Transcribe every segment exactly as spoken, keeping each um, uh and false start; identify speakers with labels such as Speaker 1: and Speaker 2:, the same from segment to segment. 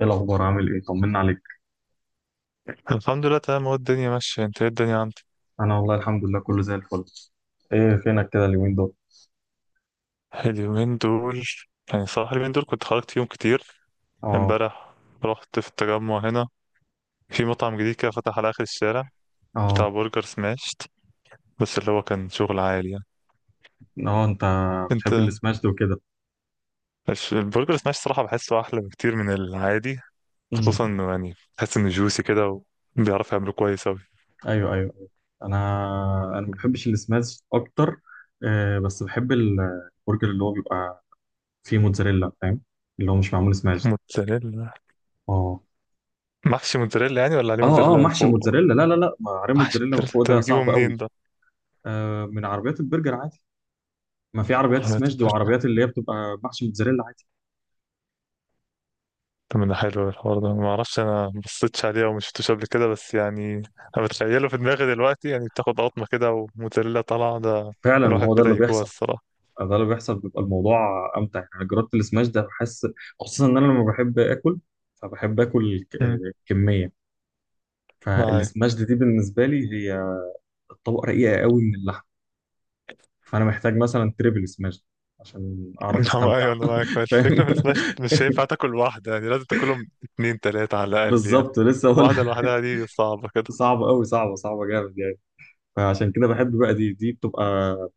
Speaker 1: ايه الاخبار؟ عامل ايه؟ طمنا عليك.
Speaker 2: الحمد لله، تمام. هو الدنيا ماشية. انت، ايه الدنيا عندك؟
Speaker 1: انا والله الحمد لله كله زي الفل. ايه فينك كده اليومين دول؟
Speaker 2: اليومين دول. يعني صراحة اليومين دول كنت خرجت فيهم كتير.
Speaker 1: اه،
Speaker 2: امبارح رحت في التجمع هنا، في مطعم جديد كده فتح على آخر الشارع، بتاع
Speaker 1: اه،
Speaker 2: برجر سماشت. بس اللي هو كان شغل عالي يعني.
Speaker 1: اه. انت
Speaker 2: انت.
Speaker 1: بتحب السماش ده وكده؟
Speaker 2: الش- البرجر سماشت صراحة بحسه أحلى بكتير من العادي.
Speaker 1: امم
Speaker 2: خصوصا انه يعني بحس انه جوسي كده، وبيعرف يعمله كويس أوي.
Speaker 1: ايوه، ايوه، أيوة. انا انا ما بحبش السماش اكتر. آه بس بحب ال- البرجر اللي هو بيبقى فيه موتزاريلا، فاهم؟ اللي هو مش معمول سماش.
Speaker 2: موتزاريلا.
Speaker 1: اه،
Speaker 2: محشي موتزاريلا يعني، ولا عليه
Speaker 1: اه، اه،
Speaker 2: موتزاريلا من
Speaker 1: محشي
Speaker 2: فوق؟
Speaker 1: موتزاريلا. لا، لا، لا، ما عرق
Speaker 2: محشي
Speaker 1: موتزاريلا من
Speaker 2: موتزاريلا
Speaker 1: فوق،
Speaker 2: انت
Speaker 1: ده
Speaker 2: بتجيبه
Speaker 1: صعب
Speaker 2: منين؟
Speaker 1: قوي. آه، من عربيات البرجر عادي. ما في عربيات سماش دي،
Speaker 2: ده؟
Speaker 1: وعربيات اللي هي بتبقى محشي موتزاريلا عادي.
Speaker 2: طب ده حلو الحوار ده، ما اعرفش، انا ما بصيتش عليه او ما شفتوش قبل كده، بس يعني انا بتخيله في دماغي دلوقتي، يعني بتاخد قطمه كده وموتزاريلا طالعه ده.
Speaker 1: فعلا
Speaker 2: الواحد
Speaker 1: هو ده
Speaker 2: بدأ
Speaker 1: اللي
Speaker 2: يجوع
Speaker 1: بيحصل.
Speaker 2: الصراحه.
Speaker 1: ده اللي بيحصل، بيبقى الموضوع امتع يعني. أنا جربت السماش ده، بحس خصوصا ان انا لما بحب اكل، فبحب اكل ك-
Speaker 2: مم.
Speaker 1: آه، كميه. فالسماش
Speaker 2: معاك.
Speaker 1: دي بالنسبه لي هي طبقه رقيقه قوي من اللحم. فانا محتاج مثلا تريبل سماش عشان اعرف
Speaker 2: نعم،
Speaker 1: استمتع.
Speaker 2: ايوه، انا معاك. بس الفكره
Speaker 1: فاهم،
Speaker 2: في السماش مش هينفع تاكل واحده، يعني لازم تاكلهم اتنين تلاته على الاقل يعني.
Speaker 1: بالظبط، لسه اقول.
Speaker 2: واحده لوحدها دي صعبه كده.
Speaker 1: صعبه قوي، صعبه، صعبه جامد يعني. فعشان كده بحب بقى، دي دي بتبقى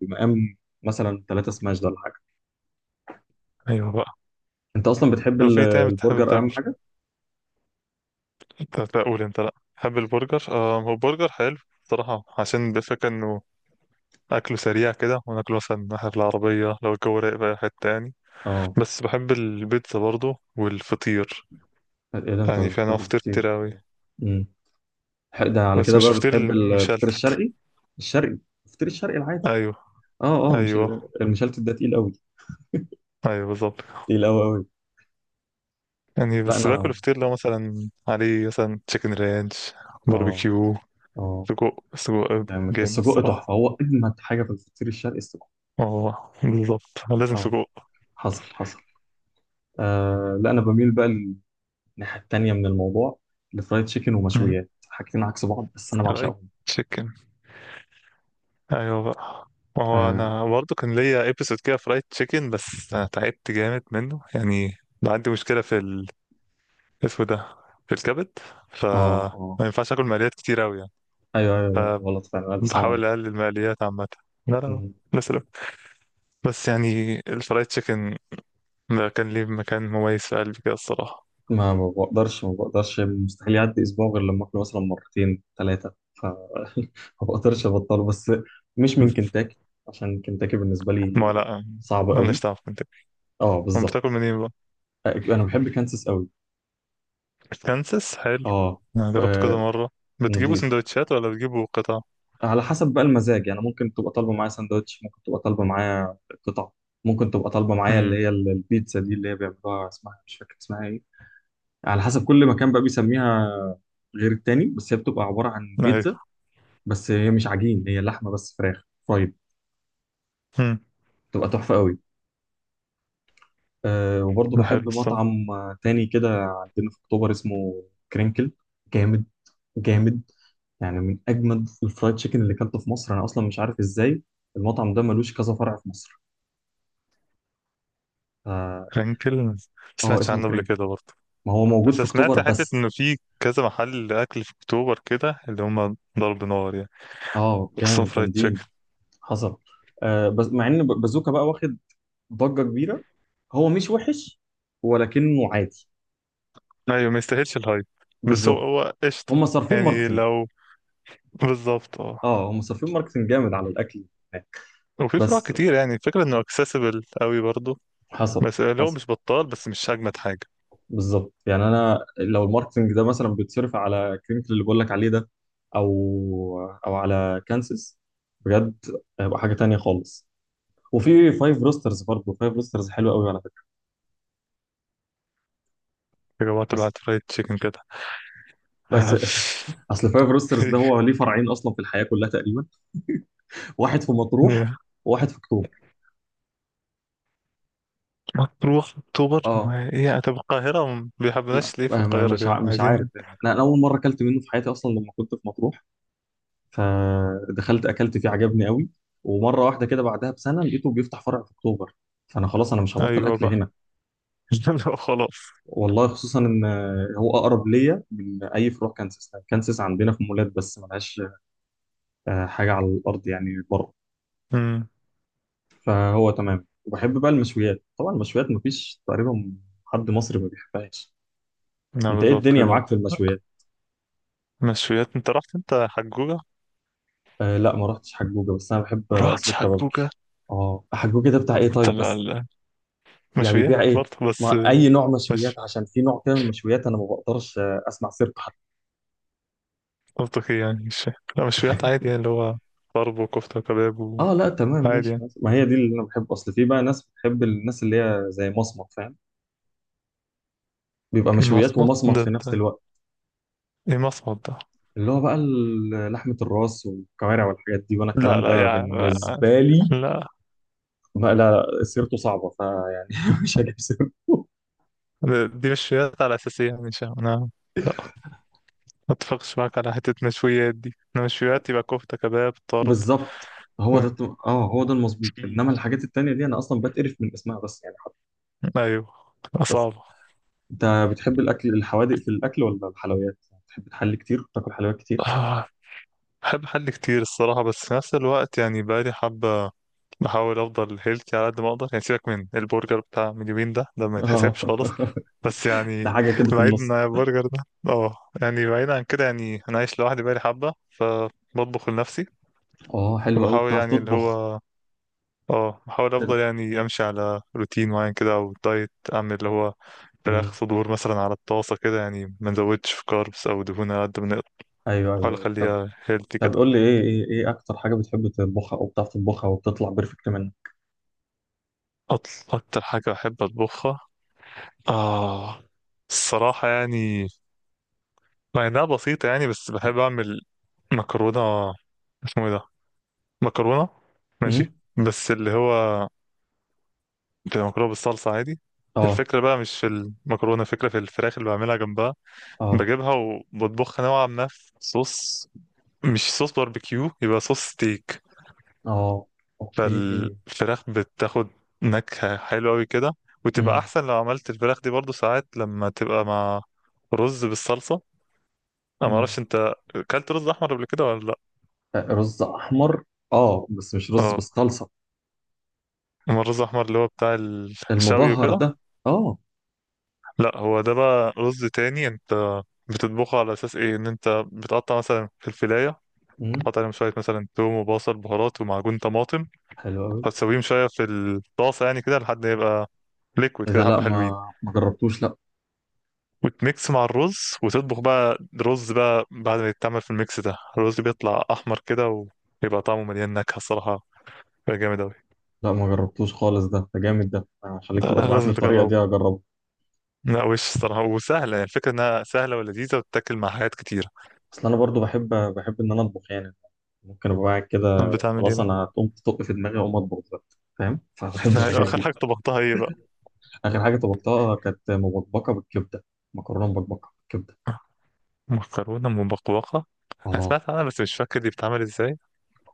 Speaker 1: بمقام مثلا ثلاثة سماش ده ولا حاجه.
Speaker 2: ايوه بقى.
Speaker 1: انت اصلا بتحب
Speaker 2: لو
Speaker 1: ال-
Speaker 2: في تاني بتحب
Speaker 1: البرجر، اهم
Speaker 2: تاكل.
Speaker 1: حاجه.
Speaker 2: طب اقول، انت لا تحب البرجر؟ آه، هو برجر حلو صراحه، عشان الفكره انه اكله سريع كده، وناكله مثلا ناحيه العربيه لو الجو رايق بقى، حته يعني.
Speaker 1: اه،
Speaker 2: بس بحب البيتزا برضو والفطير.
Speaker 1: ايه ده، انت
Speaker 2: يعني في انواع
Speaker 1: بتحب
Speaker 2: فطير
Speaker 1: الفطير؟
Speaker 2: كتير اوي،
Speaker 1: ح- ده على
Speaker 2: بس
Speaker 1: كده
Speaker 2: مش
Speaker 1: بقى بتحب
Speaker 2: فطير
Speaker 1: الفطير
Speaker 2: مشلتت.
Speaker 1: الشرقي؟ الشرقي، الفطير الشرقي العادي.
Speaker 2: ايوه،
Speaker 1: اه، اه، مش ال-
Speaker 2: ايوه،
Speaker 1: المشلتت ده تقيل قوي.
Speaker 2: ايوه، بالظبط.
Speaker 1: تقيل قوي قوي.
Speaker 2: يعني
Speaker 1: لا
Speaker 2: بس باكل
Speaker 1: انا
Speaker 2: فطير لو مثلا عليه مثلا تشيكن رانش،
Speaker 1: اه
Speaker 2: باربيكيو،
Speaker 1: اه
Speaker 2: سجق سجق.
Speaker 1: يعني
Speaker 2: جامد
Speaker 1: السجق
Speaker 2: الصراحة.
Speaker 1: تحفه، هو اجمد حاجه في الفطير الشرقي السجق.
Speaker 2: اه، بالظبط، لازم
Speaker 1: اه،
Speaker 2: سجق.
Speaker 1: حصل، حصل. آه، لا انا بميل بقى للناحيه التانيه من الموضوع، لفرايد تشيكن
Speaker 2: مم.
Speaker 1: ومشويات، حاجتين عكس بعض، بس انا
Speaker 2: فرايد
Speaker 1: بعشقهم.
Speaker 2: تشيكن. ايوه بقى. ما هو
Speaker 1: اه،
Speaker 2: انا برضو كان ليا ايبيسود كده فرايد تشيكن، بس أنا تعبت جامد منه يعني. عندي مشكلة في اسمه ده، في الكبد،
Speaker 1: اه،
Speaker 2: فما
Speaker 1: آه.
Speaker 2: ينفعش اكل مقليات كتير قوي يعني.
Speaker 1: ايوه، ايوه، لا، غلط فعلا. الف سلام
Speaker 2: فبحاول اقلل المقليات عامه. لا، لا.
Speaker 1: عليك.
Speaker 2: بس لا. بس يعني الفرايد تشيكن ده كان ليه مكان مميز في قلبي كده الصراحه.
Speaker 1: ما ما بقدرش، ما بقدرش مستحيل يعدي اسبوع غير لما اكله مثلا مرتين ثلاثه. ف ما بقدرش ابطله، بس مش من كنتاكي. عشان كنتاكي بالنسبه لي
Speaker 2: ما لا.
Speaker 1: صعب
Speaker 2: مالناش
Speaker 1: قوي.
Speaker 2: دعوه في منطقة.
Speaker 1: اه،
Speaker 2: أمال
Speaker 1: بالظبط.
Speaker 2: بتاكل منين بقى؟
Speaker 1: انا بحب كانساس قوي.
Speaker 2: كانسas حلو.
Speaker 1: اه،
Speaker 2: أنا جربت
Speaker 1: آه،
Speaker 2: كذا مرة. بتجيبوا
Speaker 1: نضيف.
Speaker 2: سندوتشات ولا بتجيبوا قطع؟
Speaker 1: على حسب بقى المزاج. يعني ممكن تبقى طالبه معايا ساندوتش، ممكن تبقى طالبه معايا قطع، ممكن تبقى طالبه معايا اللي
Speaker 2: امم.
Speaker 1: هي ال- البيتزا دي اللي هي بيعملوها، اسمها مش فاكر اسمها ايه. على حسب كل مكان بقى بيسميها غير التاني، بس هي بتبقى عباره عن بيتزا.
Speaker 2: أيوه.
Speaker 1: بس هي مش عجين، هي لحمه بس، فراخ فرايد.
Speaker 2: امم.
Speaker 1: تبقى تحفه قوي. أه، وبرضه
Speaker 2: ده حلو
Speaker 1: بحب
Speaker 2: الصراحة.
Speaker 1: مطعم آه، تاني كده عندنا في اكتوبر، اسمه كرينكل. جامد، جامد. يعني من اجمد الفرايد تشيكن اللي اكلته في مصر. انا اصلا مش عارف ازاي المطعم ده ملوش كذا فرع في مصر. اه،
Speaker 2: رانكل، ما
Speaker 1: آه،
Speaker 2: سمعتش
Speaker 1: اسمه
Speaker 2: عنه قبل
Speaker 1: كرينكل.
Speaker 2: كده برضه.
Speaker 1: ما هو موجود
Speaker 2: بس
Speaker 1: في اكتوبر
Speaker 2: سمعت حتة
Speaker 1: بس.
Speaker 2: إنه في كذا محل أكل في أكتوبر كده، اللي هما ضرب نار يعني،
Speaker 1: اه،
Speaker 2: خصوصا
Speaker 1: جامد،
Speaker 2: فرايد
Speaker 1: جامدين.
Speaker 2: تشيكن.
Speaker 1: حصل. آه، بس مع ان ب- بازوكا بقى واخد ضجه كبيره. هو مش وحش، ولكنه عادي.
Speaker 2: أيوة، ما يستاهلش الهايب. بس هو
Speaker 1: بالظبط،
Speaker 2: هو قشطة.
Speaker 1: هم صارفين
Speaker 2: يعني
Speaker 1: ماركتنج.
Speaker 2: لو، بالظبط، اه.
Speaker 1: اه، هم صارفين ماركتنج جامد على الاكل هناك
Speaker 2: وفي فروع
Speaker 1: بس.
Speaker 2: كتير، يعني الفكرة إنه accessible قوي برضه.
Speaker 1: حصل،
Speaker 2: بس لو
Speaker 1: حصل.
Speaker 2: مش بطال، بس مش أجمد حاجة.
Speaker 1: بالظبط، يعني انا لو الماركتنج ده مثلا بيتصرف على كرينكل اللي بقول لك عليه ده، او او على كانسس، بجد هيبقى حاجه تانية خالص. وفي فايف روسترز برضه. فايف روسترز حلو قوي على فكره.
Speaker 2: يا جماعة طلعت
Speaker 1: بس
Speaker 2: هات فرايد تشيكن كده.
Speaker 1: بس اصل فايف روسترز ده هو ليه فرعين اصلا في الحياه كلها تقريبا. واحد في مطروح، وواحد في اكتوبر.
Speaker 2: مطروح، أكتوبر،
Speaker 1: اه،
Speaker 2: ما هي طب القاهرة ما
Speaker 1: م-
Speaker 2: بيحبناش ليه؟ في
Speaker 1: م-
Speaker 2: القاهرة
Speaker 1: مش ع-
Speaker 2: كده
Speaker 1: مش عارف
Speaker 2: عايزين.
Speaker 1: يعني. انا أنا اول مره اكلت منه في حياتي اصلا لما كنت في مطروح، فدخلت اكلت فيه عجبني قوي. ومره واحده كده بعدها بسنه لقيته بيفتح فرع في اكتوبر. فانا خلاص، انا مش هبطل
Speaker 2: أيوة
Speaker 1: اكل
Speaker 2: بقى.
Speaker 1: هنا.
Speaker 2: لا، خلاص.
Speaker 1: والله خصوصا ان هو اقرب ليا من اي فروع كانسس. كانسس عندنا في مولات بس ملهاش آه، حاجه على الارض يعني بره.
Speaker 2: امم.
Speaker 1: فهو تمام. وبحب بقى المشويات، طبعا المشويات مفيش تقريبا حد مصري ما بيحبهاش.
Speaker 2: نعم،
Speaker 1: انت ايه
Speaker 2: بالظبط
Speaker 1: الدنيا
Speaker 2: كده.
Speaker 1: معاك في المشويات؟
Speaker 2: مشويات، انت رحت، انت حجوجة؟
Speaker 1: آه، لا ما رحتش حجوجه، بس انا بحب آه،
Speaker 2: رحت
Speaker 1: قصر
Speaker 2: حجوجة.
Speaker 1: الكبابجي. اه، حجوجه ده بتاع ايه؟
Speaker 2: انت
Speaker 1: طيب
Speaker 2: ال-
Speaker 1: بس
Speaker 2: ال-
Speaker 1: يعني
Speaker 2: مشويات
Speaker 1: بيبيع ايه؟
Speaker 2: برضه بس.
Speaker 1: ما اي نوع مشويات؟
Speaker 2: مش
Speaker 1: عشان في نوع كده من المشويات انا ما بقدرش آه، اسمع سيرته حتى.
Speaker 2: منطقي يعني، مش. لا، مشويات عادي يعني، اللي هو طرب وكفتة وكباب،
Speaker 1: اه، لا تمام،
Speaker 2: وعادي
Speaker 1: ماشي
Speaker 2: يعني.
Speaker 1: ماشي. ما هي دي اللي انا بحب. اصل في بقى ناس بتحب الناس اللي هي زي مصمت، فاهم؟ بيبقى مشويات
Speaker 2: مصمت
Speaker 1: ومصمت
Speaker 2: ده
Speaker 1: في نفس
Speaker 2: بتاع
Speaker 1: الوقت.
Speaker 2: ايه؟ مصمت ده؟
Speaker 1: اللي هو بقى ال- لحمة الراس والكوارع والحاجات دي. وانا
Speaker 2: لا،
Speaker 1: الكلام
Speaker 2: لا
Speaker 1: ده
Speaker 2: يعني،
Speaker 1: بالنسبة لي
Speaker 2: لا.
Speaker 1: بقى لا، سيرته صعبة فيعني. مش هجيب سيرته
Speaker 2: ده- دي مشويات على أساسية يعني، مش أنا. لا، ما اتفقش معاك على حتة مشويات دي. أنا مشويات يبقى كفتة كباب طرب
Speaker 1: بالظبط، هو
Speaker 2: و...
Speaker 1: ده الت- اه هو ده المظبوط. انما الحاجات التانية دي انا اصلا بتقرف من اسمها، بس يعني حتى.
Speaker 2: أيوه.
Speaker 1: بس
Speaker 2: صعبة.
Speaker 1: انت بتحب الاكل الحوادق في الاكل ولا الحلويات؟ بتحب تحلي كتير، تاكل حلويات كتير؟
Speaker 2: بحب حل كتير الصراحة، بس في نفس الوقت يعني بقالي حبة بحاول أفضل هيلثي على قد ما أقدر، يعني سيبك من البرجر بتاع من يومين ده، ده ما يتحسبش خالص.
Speaker 1: اه،
Speaker 2: بس
Speaker 1: ده
Speaker 2: يعني،
Speaker 1: حاجه كده في
Speaker 2: بعيد عن
Speaker 1: النص.
Speaker 2: البرجر ده، اه، يعني بعيد عن كده. يعني أنا عايش لوحدي بقالي حبة، فبطبخ لنفسي.
Speaker 1: اه، حلو قوي.
Speaker 2: وبحاول
Speaker 1: بتعرف
Speaker 2: يعني اللي
Speaker 1: تطبخ؟
Speaker 2: هو، اه، بحاول
Speaker 1: ايه
Speaker 2: أفضل
Speaker 1: ده؟
Speaker 2: يعني أمشي على روتين معين كده، أو دايت أعمل اللي هو فراخ
Speaker 1: مم.
Speaker 2: صدور مثلا على الطاسة كده، يعني ما نزودش في كاربس أو دهون على قد ما نقدر.
Speaker 1: ايوه،
Speaker 2: بحاول
Speaker 1: ايوه، طب.
Speaker 2: أخليها هيلثي.
Speaker 1: طب قول لي ايه ايه ايه اكتر حاجه بتحب تطبخها، او بتعرف تطبخها وبتطلع بيرفكت منها؟
Speaker 2: أط- أكتر حاجة بحب أطبخها، آه الصراحة يعني، مع إنها بسيطة يعني، بس بحب أعمل مكرونة. اسمه إيه ده؟ مكرونة، ماشي.
Speaker 1: امم
Speaker 2: بس اللي هو بتبقى مكرونة بالصلصة عادي.
Speaker 1: اه،
Speaker 2: الفكرة بقى مش في المكرونة، الفكرة في الفراخ اللي بعملها جنبها.
Speaker 1: اه،
Speaker 2: بجيبها، وبطبخها نوعا ما في صوص، مش صوص باربيكيو يبقى صوص ستيك.
Speaker 1: اه، اوكي.
Speaker 2: فالفراخ بتاخد نكهة حلوة أوي كده، وتبقى
Speaker 1: امم
Speaker 2: أحسن لو عملت الفراخ دي برضو ساعات لما تبقى مع رز بالصلصة. أنا
Speaker 1: امم
Speaker 2: معرفش أنت أكلت رز أحمر قبل كده ولا لأ؟
Speaker 1: رز احمر. اه، بس مش رز
Speaker 2: اه.
Speaker 1: بالصلصه.
Speaker 2: أما الرز الأحمر اللي هو بتاع الشوي
Speaker 1: المبهر
Speaker 2: وكده،
Speaker 1: ده. اه،
Speaker 2: لأ، هو ده بقى رز تاني. أنت بتطبخه على أساس إيه؟ إن أنت بتقطع مثلا فلفلاية،
Speaker 1: امم
Speaker 2: تحط عليهم شوية مثلا توم وبصل بهارات ومعجون طماطم،
Speaker 1: حلو قوي.
Speaker 2: هتسويهم شوية في الطاسة يعني كده لحد ما يبقى ليكويد
Speaker 1: اذا
Speaker 2: كده
Speaker 1: لا،
Speaker 2: حبة حلوين،
Speaker 1: ما ما جربتوش.
Speaker 2: وتميكس مع الرز. وتطبخ بقى رز بقى، بعد ما يتعمل في الميكس ده الرز بيطلع احمر كده، ويبقى طعمه مليان نكهه الصراحه. بيبقى جامد اوي.
Speaker 1: لا، ما جربتوش خالص. ده ده جامد. ده أنا هخليك تبقى
Speaker 2: آه،
Speaker 1: تبعت لي
Speaker 2: لازم
Speaker 1: الطريقه
Speaker 2: تجربه.
Speaker 1: دي اجربه.
Speaker 2: لا وش الصراحه وسهله، يعني الفكره انها سهله ولذيذه وتتاكل مع حاجات كتيره.
Speaker 1: اصل انا برضو بحب بحب ان انا اطبخ يعني. ممكن ابقى قاعد كده،
Speaker 2: طب بتعمل ايه
Speaker 1: خلاص انا
Speaker 2: بقى؟
Speaker 1: هتقوم تطق في دماغي، اقوم اطبخ دلوقتي، فاهم؟ فبحب الحاجات
Speaker 2: اخر
Speaker 1: دي.
Speaker 2: حاجه طبختها ايه بقى؟
Speaker 1: اخر حاجه طبختها كانت مبكبكه بالكبده. مكرونه مبكبكه بالكبده.
Speaker 2: مكرونه مبقبقه؟ انا
Speaker 1: اه.
Speaker 2: سمعت عنها بس مش فاكر دي بتتعمل ازاي.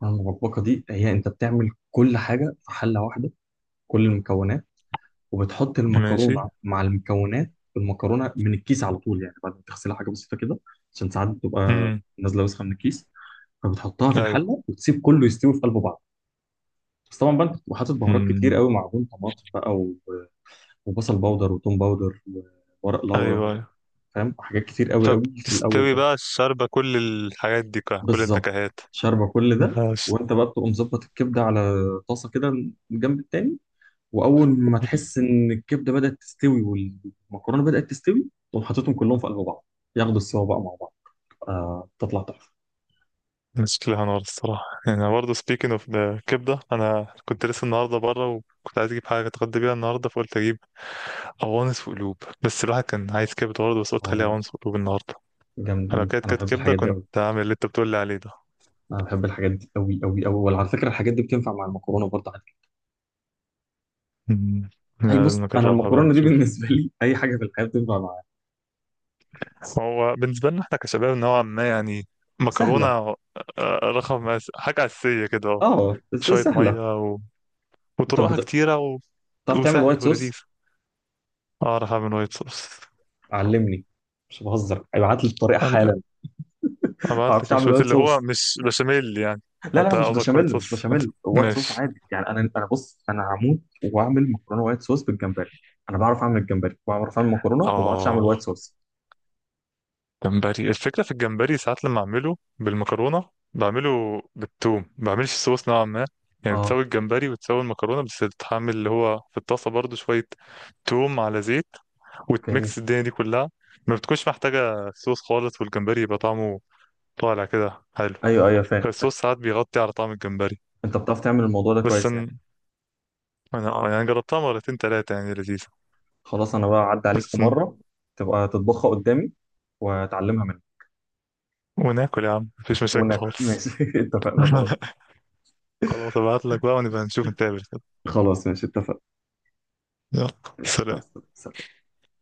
Speaker 1: المكرونه المبكبكه دي، هي انت بتعمل كل حاجه في حله واحده. كل المكونات، وبتحط
Speaker 2: ماشي.
Speaker 1: المكرونه مع المكونات، المكرونه من الكيس على طول يعني بعد ما تغسلها حاجه بسيطه كده. عشان ساعات بتبقى
Speaker 2: امم.
Speaker 1: نازله وسخه من الكيس. فبتحطها في
Speaker 2: ايوه.
Speaker 1: الحله وتسيب كله يستوي في قلب بعض. بس طبعا بقى انت بتبقى حاطط بهارات كتير
Speaker 2: امم.
Speaker 1: قوي، معجون طماطم بقى، و- وبصل باودر وتوم باودر وورق
Speaker 2: ايوه،
Speaker 1: لورا،
Speaker 2: ايوه.
Speaker 1: فاهم؟ حاجات كتير قوي
Speaker 2: طب
Speaker 1: قوي في الاول
Speaker 2: تستوي
Speaker 1: كده.
Speaker 2: بقى الشاربه كل الحاجات دي كلها، كل
Speaker 1: بالظبط،
Speaker 2: النكهات.
Speaker 1: شاربه كل
Speaker 2: ده
Speaker 1: ده. وانت بقى بتبقى مظبط الكبده على طاسه كده من الجنب التاني. واول ما تحس ان الكبده بدات تستوي والمكرونه بدات تستوي، تقوم حاططهم كلهم في قلب بعض، ياخدوا السوا بقى مع بعض. آه، تطلع تحفه.
Speaker 2: شكلها نار الصراحة. يعني برضه speaking of the كبدة، أنا كنت لسه النهاردة بره، وكنت عايز أجيب حاجة أتغدى بيها النهاردة، فقلت أجيب أوانس وقلوب. بس الواحد كان عايز كبدة برضه، بس قلت خليها
Speaker 1: اه،
Speaker 2: أوانس وقلوب النهاردة. لو
Speaker 1: جامدين.
Speaker 2: كانت
Speaker 1: انا
Speaker 2: كانت
Speaker 1: بحب
Speaker 2: كبدة
Speaker 1: الحاجات دي
Speaker 2: كنت
Speaker 1: قوي.
Speaker 2: هعمل اللي أنت بتقول لي عليه ده.
Speaker 1: انا بحب الحاجات دي قوي قوي قوي. وعلى فكره الحاجات دي بتنفع مع المكرونه برضه عادي.
Speaker 2: أمم.
Speaker 1: اي،
Speaker 2: لازم
Speaker 1: بص انا
Speaker 2: نجربها بقى
Speaker 1: المكرونه دي
Speaker 2: نشوف.
Speaker 1: بالنسبه لي اي حاجه في الحياه بتنفع معاها.
Speaker 2: هو بالنسبة لنا احنا كشباب نوعا ما يعني، مكرونة
Speaker 1: سهله.
Speaker 2: آه، رقم أس- حاجة أساسية كده أهو.
Speaker 1: اه، بس
Speaker 2: شوية
Speaker 1: سهله.
Speaker 2: مية و...
Speaker 1: طب
Speaker 2: وطرقها
Speaker 1: بت-
Speaker 2: كتيرة و...
Speaker 1: بتعرف تعمل وايت
Speaker 2: وسهلة
Speaker 1: صوص؟
Speaker 2: ولذيذة. أعرف أعمل وايت صوص.
Speaker 1: علمني، مش بهزر، ابعت لي الطريقه حالا. ما
Speaker 2: ابعت
Speaker 1: بعرفش
Speaker 2: لك، مش
Speaker 1: اعمل
Speaker 2: بس
Speaker 1: وايت
Speaker 2: اللي هو
Speaker 1: صوص.
Speaker 2: مش بشاميل يعني.
Speaker 1: لا، لا، لا،
Speaker 2: انت
Speaker 1: مش
Speaker 2: قصدك وايت
Speaker 1: بشاميل، مش
Speaker 2: صوص،
Speaker 1: بشاميل، وايت صوص
Speaker 2: ماشي.
Speaker 1: عادي يعني. انا انا بص، انا هموت واعمل مكرونه وايت صوص بالجمبري. انا بعرف اعمل الجمبري، بعرف اعمل مكرونه، ما بعرفش اعمل
Speaker 2: اه.
Speaker 1: وايت صوص.
Speaker 2: جمبري. الفكره في الجمبري ساعات لما اعمله بالمكرونه بعمله بالثوم، ما بعملش صوص نوعا ما. يعني
Speaker 1: اه،
Speaker 2: بتسوي الجمبري وتسوي المكرونه، بس تحمل اللي هو في الطاسه برضو شويه توم على زيت،
Speaker 1: اوكي.
Speaker 2: وتميكس الدنيا دي كلها. ما بتكونش محتاجه صوص خالص، والجمبري يبقى طعمه طالع كده حلو.
Speaker 1: ايوه، ايوه، فاهم، فاهم.
Speaker 2: الصوص ساعات بيغطي على طعم الجمبري.
Speaker 1: انت بتعرف تعمل الموضوع ده
Speaker 2: بس
Speaker 1: كويس يعني.
Speaker 2: أن- انا يعني جربتها مرتين تلاتة، يعني لذيذه.
Speaker 1: خلاص انا بقى اعدي عليك في
Speaker 2: بس
Speaker 1: مره، تبقى تطبخها قدامي واتعلمها منك،
Speaker 2: وناكل يا عم، مفيش مشاكل
Speaker 1: وناكل.
Speaker 2: خالص.
Speaker 1: ماشي، اتفقنا. خلاص.
Speaker 2: خلاص ابعت لك بقى ونبقى نشوف نتقابل كده.
Speaker 1: خلاص ماشي اتفقنا.
Speaker 2: يلا،
Speaker 1: ماشي، مع
Speaker 2: سلام.
Speaker 1: السلامه.